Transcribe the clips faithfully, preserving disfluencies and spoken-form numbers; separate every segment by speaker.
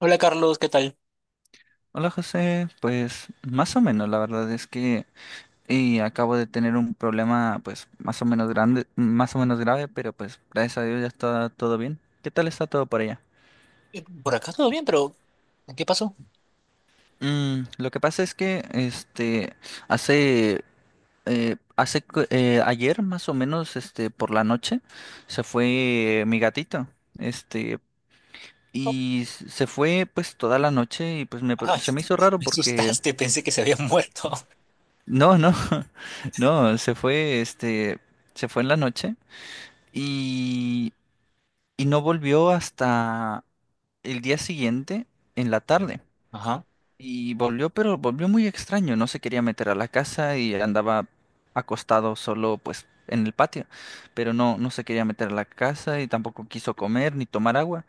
Speaker 1: Hola Carlos, ¿qué tal?
Speaker 2: Hola José, pues más o menos, la verdad es que eh, acabo de tener un problema pues más o menos grande, más o menos grave, pero pues gracias a Dios ya está todo bien. ¿Qué tal está todo por allá?
Speaker 1: Eh, Por acá todo bien, pero ¿qué pasó?
Speaker 2: Mm, lo que pasa es que este hace eh, hace cu- eh, ayer más o menos este por la noche se fue mi gatito. Este
Speaker 1: Oh,
Speaker 2: y s- se fue pues toda la noche y pues me, pr-
Speaker 1: ay,
Speaker 2: se me hizo raro
Speaker 1: me
Speaker 2: porque
Speaker 1: asustaste, pensé que se había muerto.
Speaker 2: no, no, no, se fue, este, se fue en la noche y, y no volvió hasta el día siguiente en la
Speaker 1: Bien.
Speaker 2: tarde.
Speaker 1: Ajá,
Speaker 2: Y volvió, pero volvió muy extraño, no se quería meter a la casa y andaba acostado solo, pues, en el patio, pero no, no se quería meter a la casa y tampoco quiso comer ni tomar agua.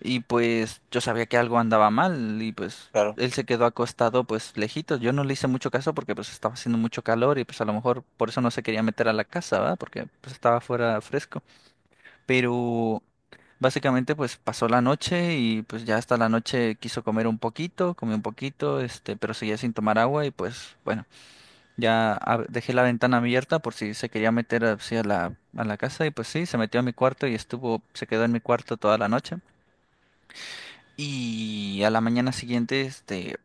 Speaker 2: Y pues yo sabía que algo andaba mal y pues
Speaker 1: claro.
Speaker 2: él se quedó acostado pues lejito. Yo no le hice mucho caso porque pues estaba haciendo mucho calor y pues a lo mejor por eso no se quería meter a la casa, ¿verdad? Porque pues estaba fuera fresco. Pero básicamente pues pasó la noche y pues ya hasta la noche quiso comer un poquito, comió un poquito, este, pero seguía sin tomar agua y pues bueno, ya ab- dejé la ventana abierta por si se quería meter así a la, a la casa y pues sí, se metió a mi cuarto y estuvo, se quedó en mi cuarto toda la noche. Y a la mañana siguiente, este,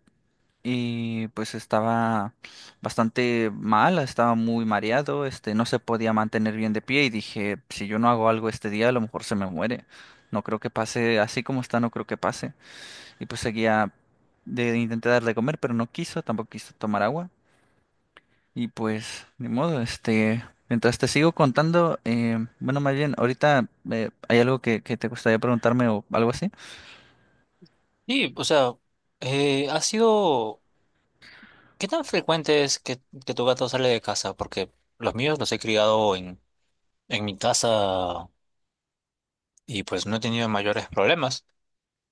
Speaker 2: eh, pues estaba bastante mal, estaba muy mareado, este, no se podía mantener bien de pie y dije, si yo no hago algo este día, a lo mejor se me muere. No creo que pase, así como está, no creo que pase. Y pues seguía, de, intenté darle de comer, pero no quiso, tampoco quiso tomar agua. Y pues, ni modo, este, mientras te sigo contando, eh, bueno, más bien, ahorita eh, hay algo que, que te gustaría preguntarme o algo así.
Speaker 1: Sí, o sea, eh, ha sido... ¿Qué tan frecuente es que, que tu gato sale de casa? Porque los míos los he criado en, en mi casa y pues no he tenido mayores problemas.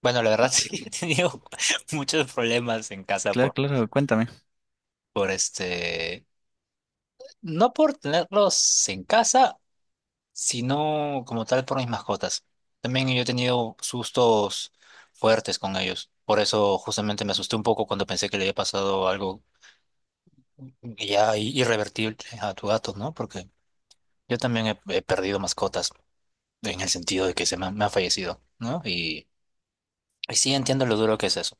Speaker 1: Bueno, la verdad sí he tenido muchos problemas en casa
Speaker 2: Claro,
Speaker 1: por,
Speaker 2: claro, cuéntame.
Speaker 1: por este... No por tenerlos en casa sino como tal por mis mascotas. También yo he tenido sustos fuertes con ellos. Por eso justamente me asusté un poco cuando pensé que le había pasado algo ya i- irrevertible a tu gato, ¿no? Porque yo también he, he perdido mascotas en el sentido de que se me, han me han fallecido, ¿no? Y, y sí entiendo lo duro que es eso.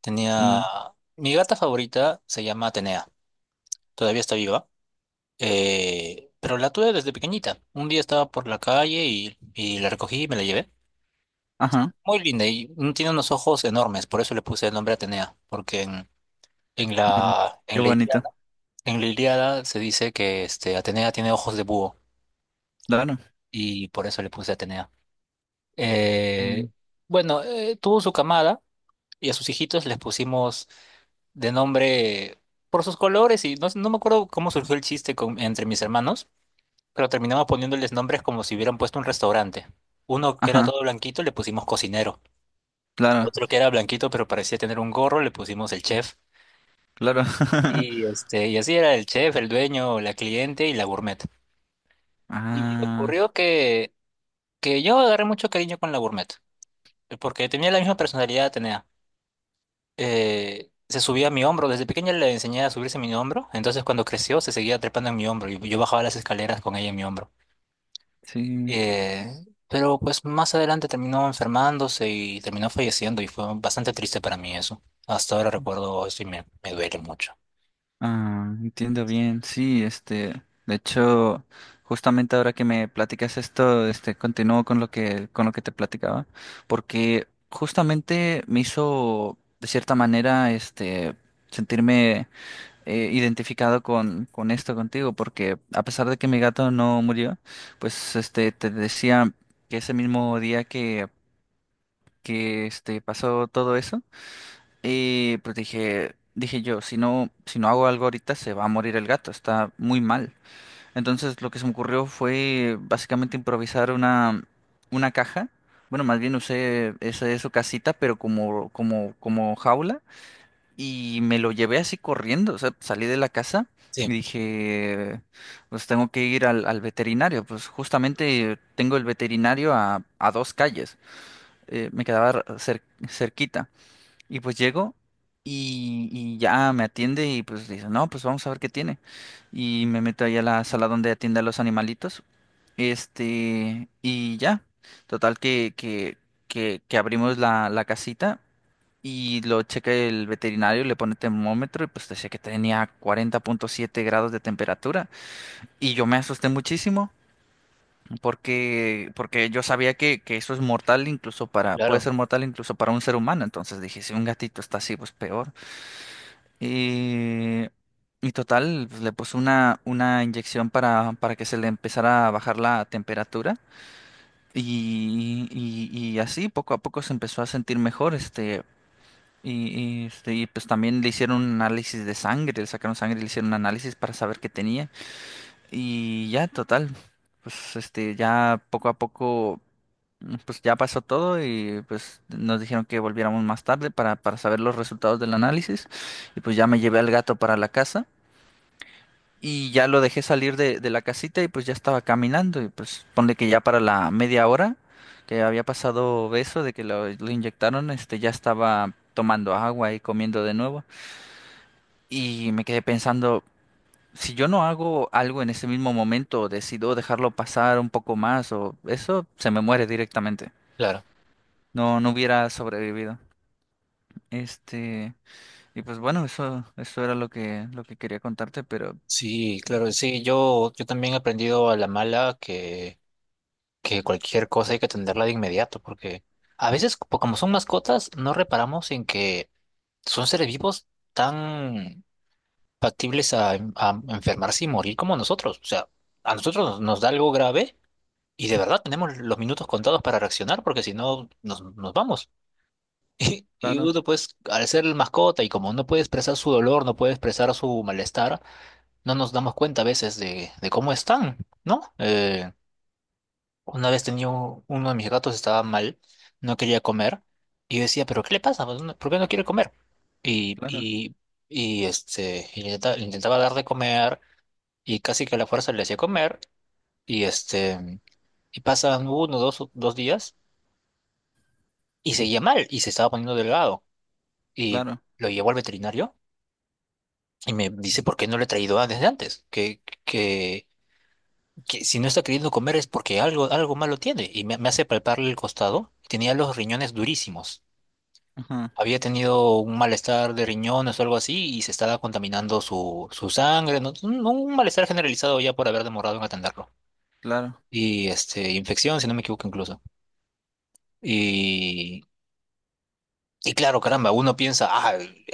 Speaker 1: Tenía...
Speaker 2: Sí.
Speaker 1: Mi gata favorita se llama Atenea. Todavía está viva. Eh, pero la tuve desde pequeñita. Un día estaba por la calle y, y la recogí y me la llevé.
Speaker 2: Ajá,
Speaker 1: Muy linda y mm, tiene unos ojos enormes, por eso le puse el nombre Atenea, porque en, en
Speaker 2: ajá,
Speaker 1: la,
Speaker 2: qué
Speaker 1: en la
Speaker 2: bonito.
Speaker 1: Ilíada, en la Ilíada se dice que este, Atenea tiene ojos de búho
Speaker 2: Claro.
Speaker 1: y por eso le puse Atenea.
Speaker 2: Mm.
Speaker 1: Eh, bueno, eh, tuvo su camada y a sus hijitos les pusimos de nombre por sus colores y no, no me acuerdo cómo surgió el chiste con- entre mis hermanos, pero terminamos poniéndoles nombres como si hubieran puesto un restaurante. Uno que era
Speaker 2: Ajá,
Speaker 1: todo blanquito le pusimos cocinero.
Speaker 2: claro,
Speaker 1: Otro que era blanquito pero parecía tener un gorro, le pusimos el chef.
Speaker 2: claro.
Speaker 1: Y, este, y así era el chef, el dueño, la cliente y la gourmet. Y
Speaker 2: Ah,
Speaker 1: ocurrió que, que yo agarré mucho cariño con la gourmet, porque tenía la misma personalidad, tenía. Eh, se subía a mi hombro, desde pequeña le enseñé a subirse a mi hombro, entonces cuando creció se seguía trepando en mi hombro y yo bajaba las escaleras con ella en mi hombro.
Speaker 2: sí.
Speaker 1: Eh, pero pues más adelante terminó enfermándose y terminó falleciendo y fue bastante triste para mí eso. Hasta ahora recuerdo eso y me, me duele mucho.
Speaker 2: Ah, entiendo bien. Sí, este, de hecho, justamente ahora que me platicas esto, este, continúo con lo que, con lo que te platicaba, porque justamente me hizo, de cierta manera, este, sentirme eh, identificado con, con esto contigo, porque a pesar de que mi gato no murió, pues este te decía que ese mismo día que, que este pasó todo eso, y pues dije, dije yo, si no, si no hago algo ahorita se va a morir el gato, está muy mal. Entonces lo que se me ocurrió fue básicamente improvisar una, una caja. Bueno, más bien usé esa su casita, pero como, como, como jaula. Y me lo llevé así corriendo, o sea, salí de la casa y
Speaker 1: Sí,
Speaker 2: dije, pues tengo que ir al, al veterinario, pues justamente tengo el veterinario a, a dos calles, eh, me quedaba r- cer- cerquita, y pues llego y, y ya me atiende y pues dice, no, pues vamos a ver qué tiene, y me meto ahí a la sala donde atiende a los animalitos, este, y ya, total que, que, que, que abrimos la, la casita y lo checa el veterinario, le pone termómetro y pues decía que tenía cuarenta punto siete grados de temperatura. Y yo me asusté muchísimo porque, porque yo sabía que, que eso es mortal incluso para, puede
Speaker 1: claro,
Speaker 2: ser mortal incluso para un ser humano. Entonces dije, si un gatito está así, pues peor. Y, y total, pues, le puse una, una inyección para, para que se le empezara a bajar la temperatura. Y, y, y así poco a poco se empezó a sentir mejor. Este. Y, y, este, y, pues también le hicieron un análisis de sangre, le sacaron sangre y le hicieron un análisis para saber qué tenía. Y ya, total, pues este, ya poco a poco, mm, pues ya pasó todo y pues nos dijeron que volviéramos más tarde para, para saber los resultados del análisis. Y pues ya me llevé al gato para la casa y ya lo dejé salir de, de la casita y pues ya estaba caminando y pues ponle que ya para la media hora que había pasado eso de que lo, lo inyectaron, este, ya estaba tomando agua y comiendo de nuevo. Y me quedé pensando, si yo no hago algo en ese mismo momento, decido dejarlo pasar un poco más o eso se me muere directamente.
Speaker 1: claro.
Speaker 2: No, no hubiera sobrevivido. Este, y pues bueno, eso, eso era lo que, lo que quería contarte, pero
Speaker 1: Sí, claro, sí, yo, yo también he aprendido a la mala que, que cualquier cosa hay que atenderla de inmediato, porque a veces, co- como son mascotas, no reparamos en que son seres vivos tan factibles a, a enfermarse y morir como nosotros. O sea, a nosotros nos, nos da algo grave y de verdad tenemos los minutos contados para reaccionar, porque si no, nos, nos vamos. Y, y
Speaker 2: claro,
Speaker 1: uno, pues, al ser el mascota y como no puede expresar su dolor, no puede expresar su malestar, no nos damos cuenta a veces de, de cómo están, ¿no? Eh, una vez tenía un- uno de mis gatos estaba mal, no quería comer, y yo decía, ¿pero qué le pasa? Pues, no- ¿por qué no quiere comer? Y,
Speaker 2: claro,
Speaker 1: y, y este, y le intenta- le intentaba dar de comer, y casi que a la fuerza le hacía comer, y este, y pasan uno, dos, dos días, y seguía mal, y se estaba poniendo delgado, y
Speaker 2: claro,
Speaker 1: lo llevó al veterinario, y me dice, ¿por qué no le he traído desde antes? Que, que que si no está queriendo comer es porque algo, algo malo tiene. Y me, me hace palparle el costado. Tenía los riñones durísimos.
Speaker 2: ajá,
Speaker 1: Había tenido un malestar de riñones o algo así y se estaba contaminando su, su sangre. ¿No? Un, un malestar generalizado ya por haber demorado en atenderlo.
Speaker 2: claro,
Speaker 1: Y este, infección, si no me equivoco incluso. Y y claro, caramba, uno piensa, ah, al-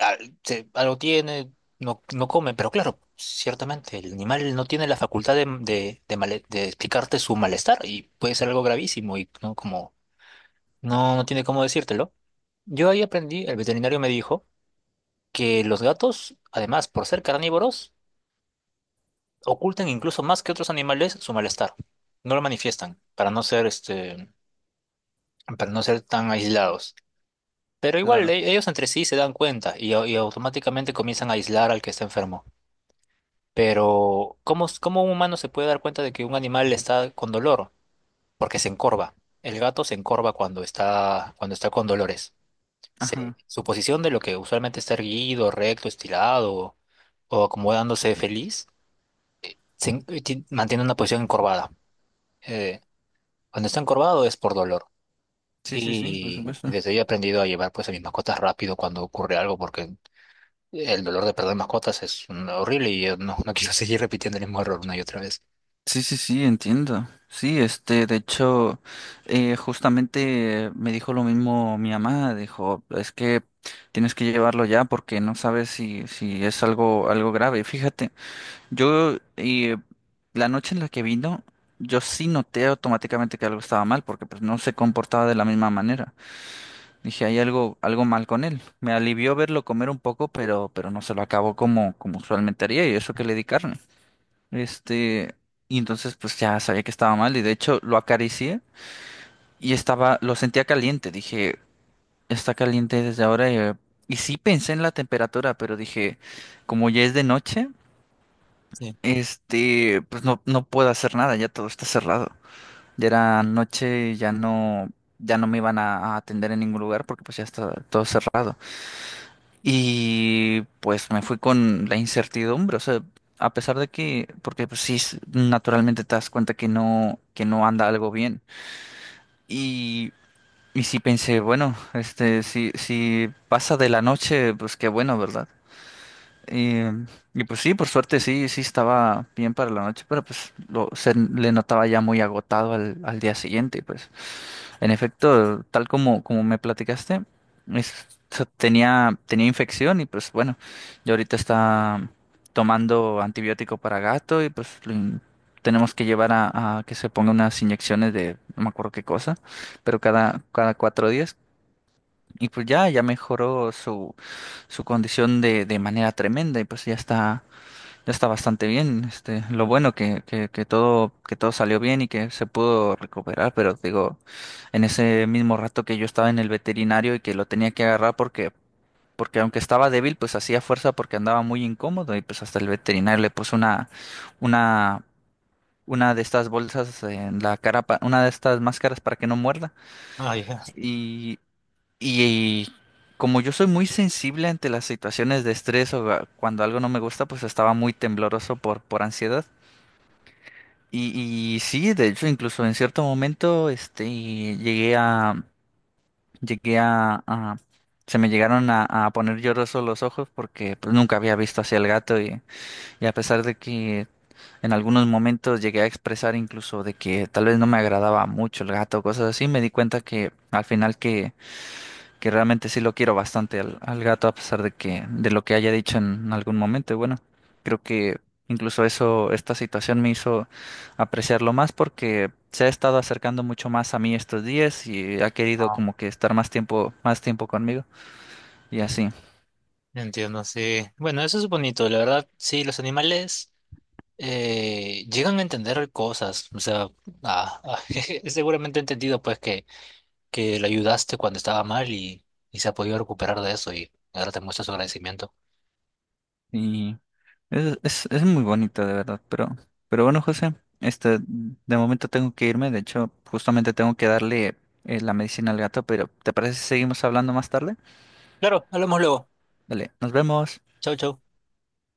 Speaker 1: se- algo tiene, no, no come, pero claro, ciertamente el animal no tiene la facultad de, de, de male- de explicarte su malestar y puede ser algo gravísimo y no como no, no tiene cómo decírtelo. Yo ahí aprendí, el veterinario me dijo que los gatos, además, por ser carnívoros, ocultan incluso más que otros animales su malestar. No lo manifiestan para no ser este, para no ser tan aislados. Pero igual
Speaker 2: claro,
Speaker 1: e- ellos entre sí se dan cuenta y, au- y automáticamente comienzan a aislar al que está enfermo. Pero ¿cómo, s- cómo un humano se puede dar cuenta de que un animal está con dolor? Porque se encorva. El gato se encorva cuando está, cuando está con dolores. Se-
Speaker 2: ajá.
Speaker 1: su posición de lo que usualmente está erguido, recto, estirado o acomodándose feliz, se en- ti- mantiene una posición encorvada. Eh, cuando está encorvado es por dolor.
Speaker 2: Sí, sí, sí, por
Speaker 1: Y
Speaker 2: supuesto.
Speaker 1: desde ahí he aprendido a llevar pues a mis mascotas rápido cuando ocurre algo porque el dolor de perder mascotas es mm, horrible y yo no, no quiero seguir repitiendo el mismo error una y otra vez.
Speaker 2: Sí, sí, sí, entiendo. Sí, este, de hecho, eh, justamente me dijo lo mismo mi mamá, dijo, es que tienes que llevarlo ya porque no sabes si, si es algo, algo grave. Fíjate, yo eh, la noche en la que vino, yo sí noté automáticamente que algo estaba mal porque pues no se comportaba de la misma manera. Dije, hay algo, algo mal con él. Me alivió verlo comer un poco, pero, pero no se lo acabó como, como usualmente haría y eso que le di carne. Este, y entonces pues ya sabía que estaba mal y de hecho lo acaricié y estaba, lo sentía caliente. Dije, está caliente desde ahora. eh, Y, sí pensé en la temperatura, pero dije, como ya es de noche,
Speaker 1: Sí.
Speaker 2: este, pues no, no puedo hacer nada, ya todo está cerrado. Ya era noche, ya no, ya no me iban a, a atender en ningún lugar porque pues ya está todo cerrado. Y pues me fui con la incertidumbre, o sea, a pesar de que, porque pues sí, s- naturalmente te das cuenta que no, que no anda algo bien. Y, y sí pensé, bueno, este, si, si pasa de la noche, pues qué bueno, ¿verdad? Y, y pues sí, por suerte sí, sí estaba bien para la noche, pero pues lo, se le notaba ya muy agotado al, al día siguiente, pues. En efecto, tal como, como me platicaste, es- o sea, tenía, tenía infección y pues bueno, yo ahorita está tomando antibiótico para gato y pues lo in- tenemos que llevar a, a que se ponga unas inyecciones de no me acuerdo qué cosa, pero cada, cada cuatro días. Y pues ya, ya mejoró su, su condición de, de manera tremenda y pues ya está, está bastante bien, este, lo bueno que, que, que todo, que todo salió bien y que se pudo recuperar, pero digo, en ese mismo rato que yo estaba en el veterinario y que lo tenía que agarrar porque, porque aunque estaba débil, pues hacía fuerza porque andaba muy incómodo y pues hasta el veterinario le puso una, una, una de estas bolsas en la cara, pa- una de estas máscaras para que no muerda.
Speaker 1: Ay, ja.
Speaker 2: Y, y como yo soy muy sensible ante las situaciones de estrés o a- cuando algo no me gusta, pues estaba muy tembloroso por, por ansiedad. Y, y sí, de hecho, incluso en cierto momento, este, llegué a, llegué a, a- se me llegaron a, a poner llorosos los ojos porque pues, nunca había visto hacia el gato y, y a pesar de que en algunos momentos llegué a expresar incluso de que tal vez no me agradaba mucho el gato, cosas así, me di cuenta que al final que realmente sí lo quiero bastante al, al gato, a pesar de que, de lo que haya dicho en algún momento. Y bueno, creo que incluso eso, esta situación me hizo apreciarlo más porque se ha estado acercando mucho más a mí estos días y ha querido
Speaker 1: Ah,
Speaker 2: como que estar más tiempo, más tiempo conmigo y así.
Speaker 1: entiendo, sí. Bueno, eso es bonito, la verdad, sí, los animales eh, llegan a entender cosas, o sea, ah, ah, seguramente he entendido pues que, que le ayudaste cuando estaba mal y, y se ha podido recuperar de eso y ahora te muestra su agradecimiento.
Speaker 2: Y es, es, es muy bonito, de verdad. Pero, pero bueno, José, este, de momento tengo que irme. De hecho, justamente tengo que darle eh, la medicina al gato, pero ¿te parece si seguimos hablando más tarde?
Speaker 1: Claro, hablamos luego.
Speaker 2: Dale, nos vemos.
Speaker 1: Chau, chau.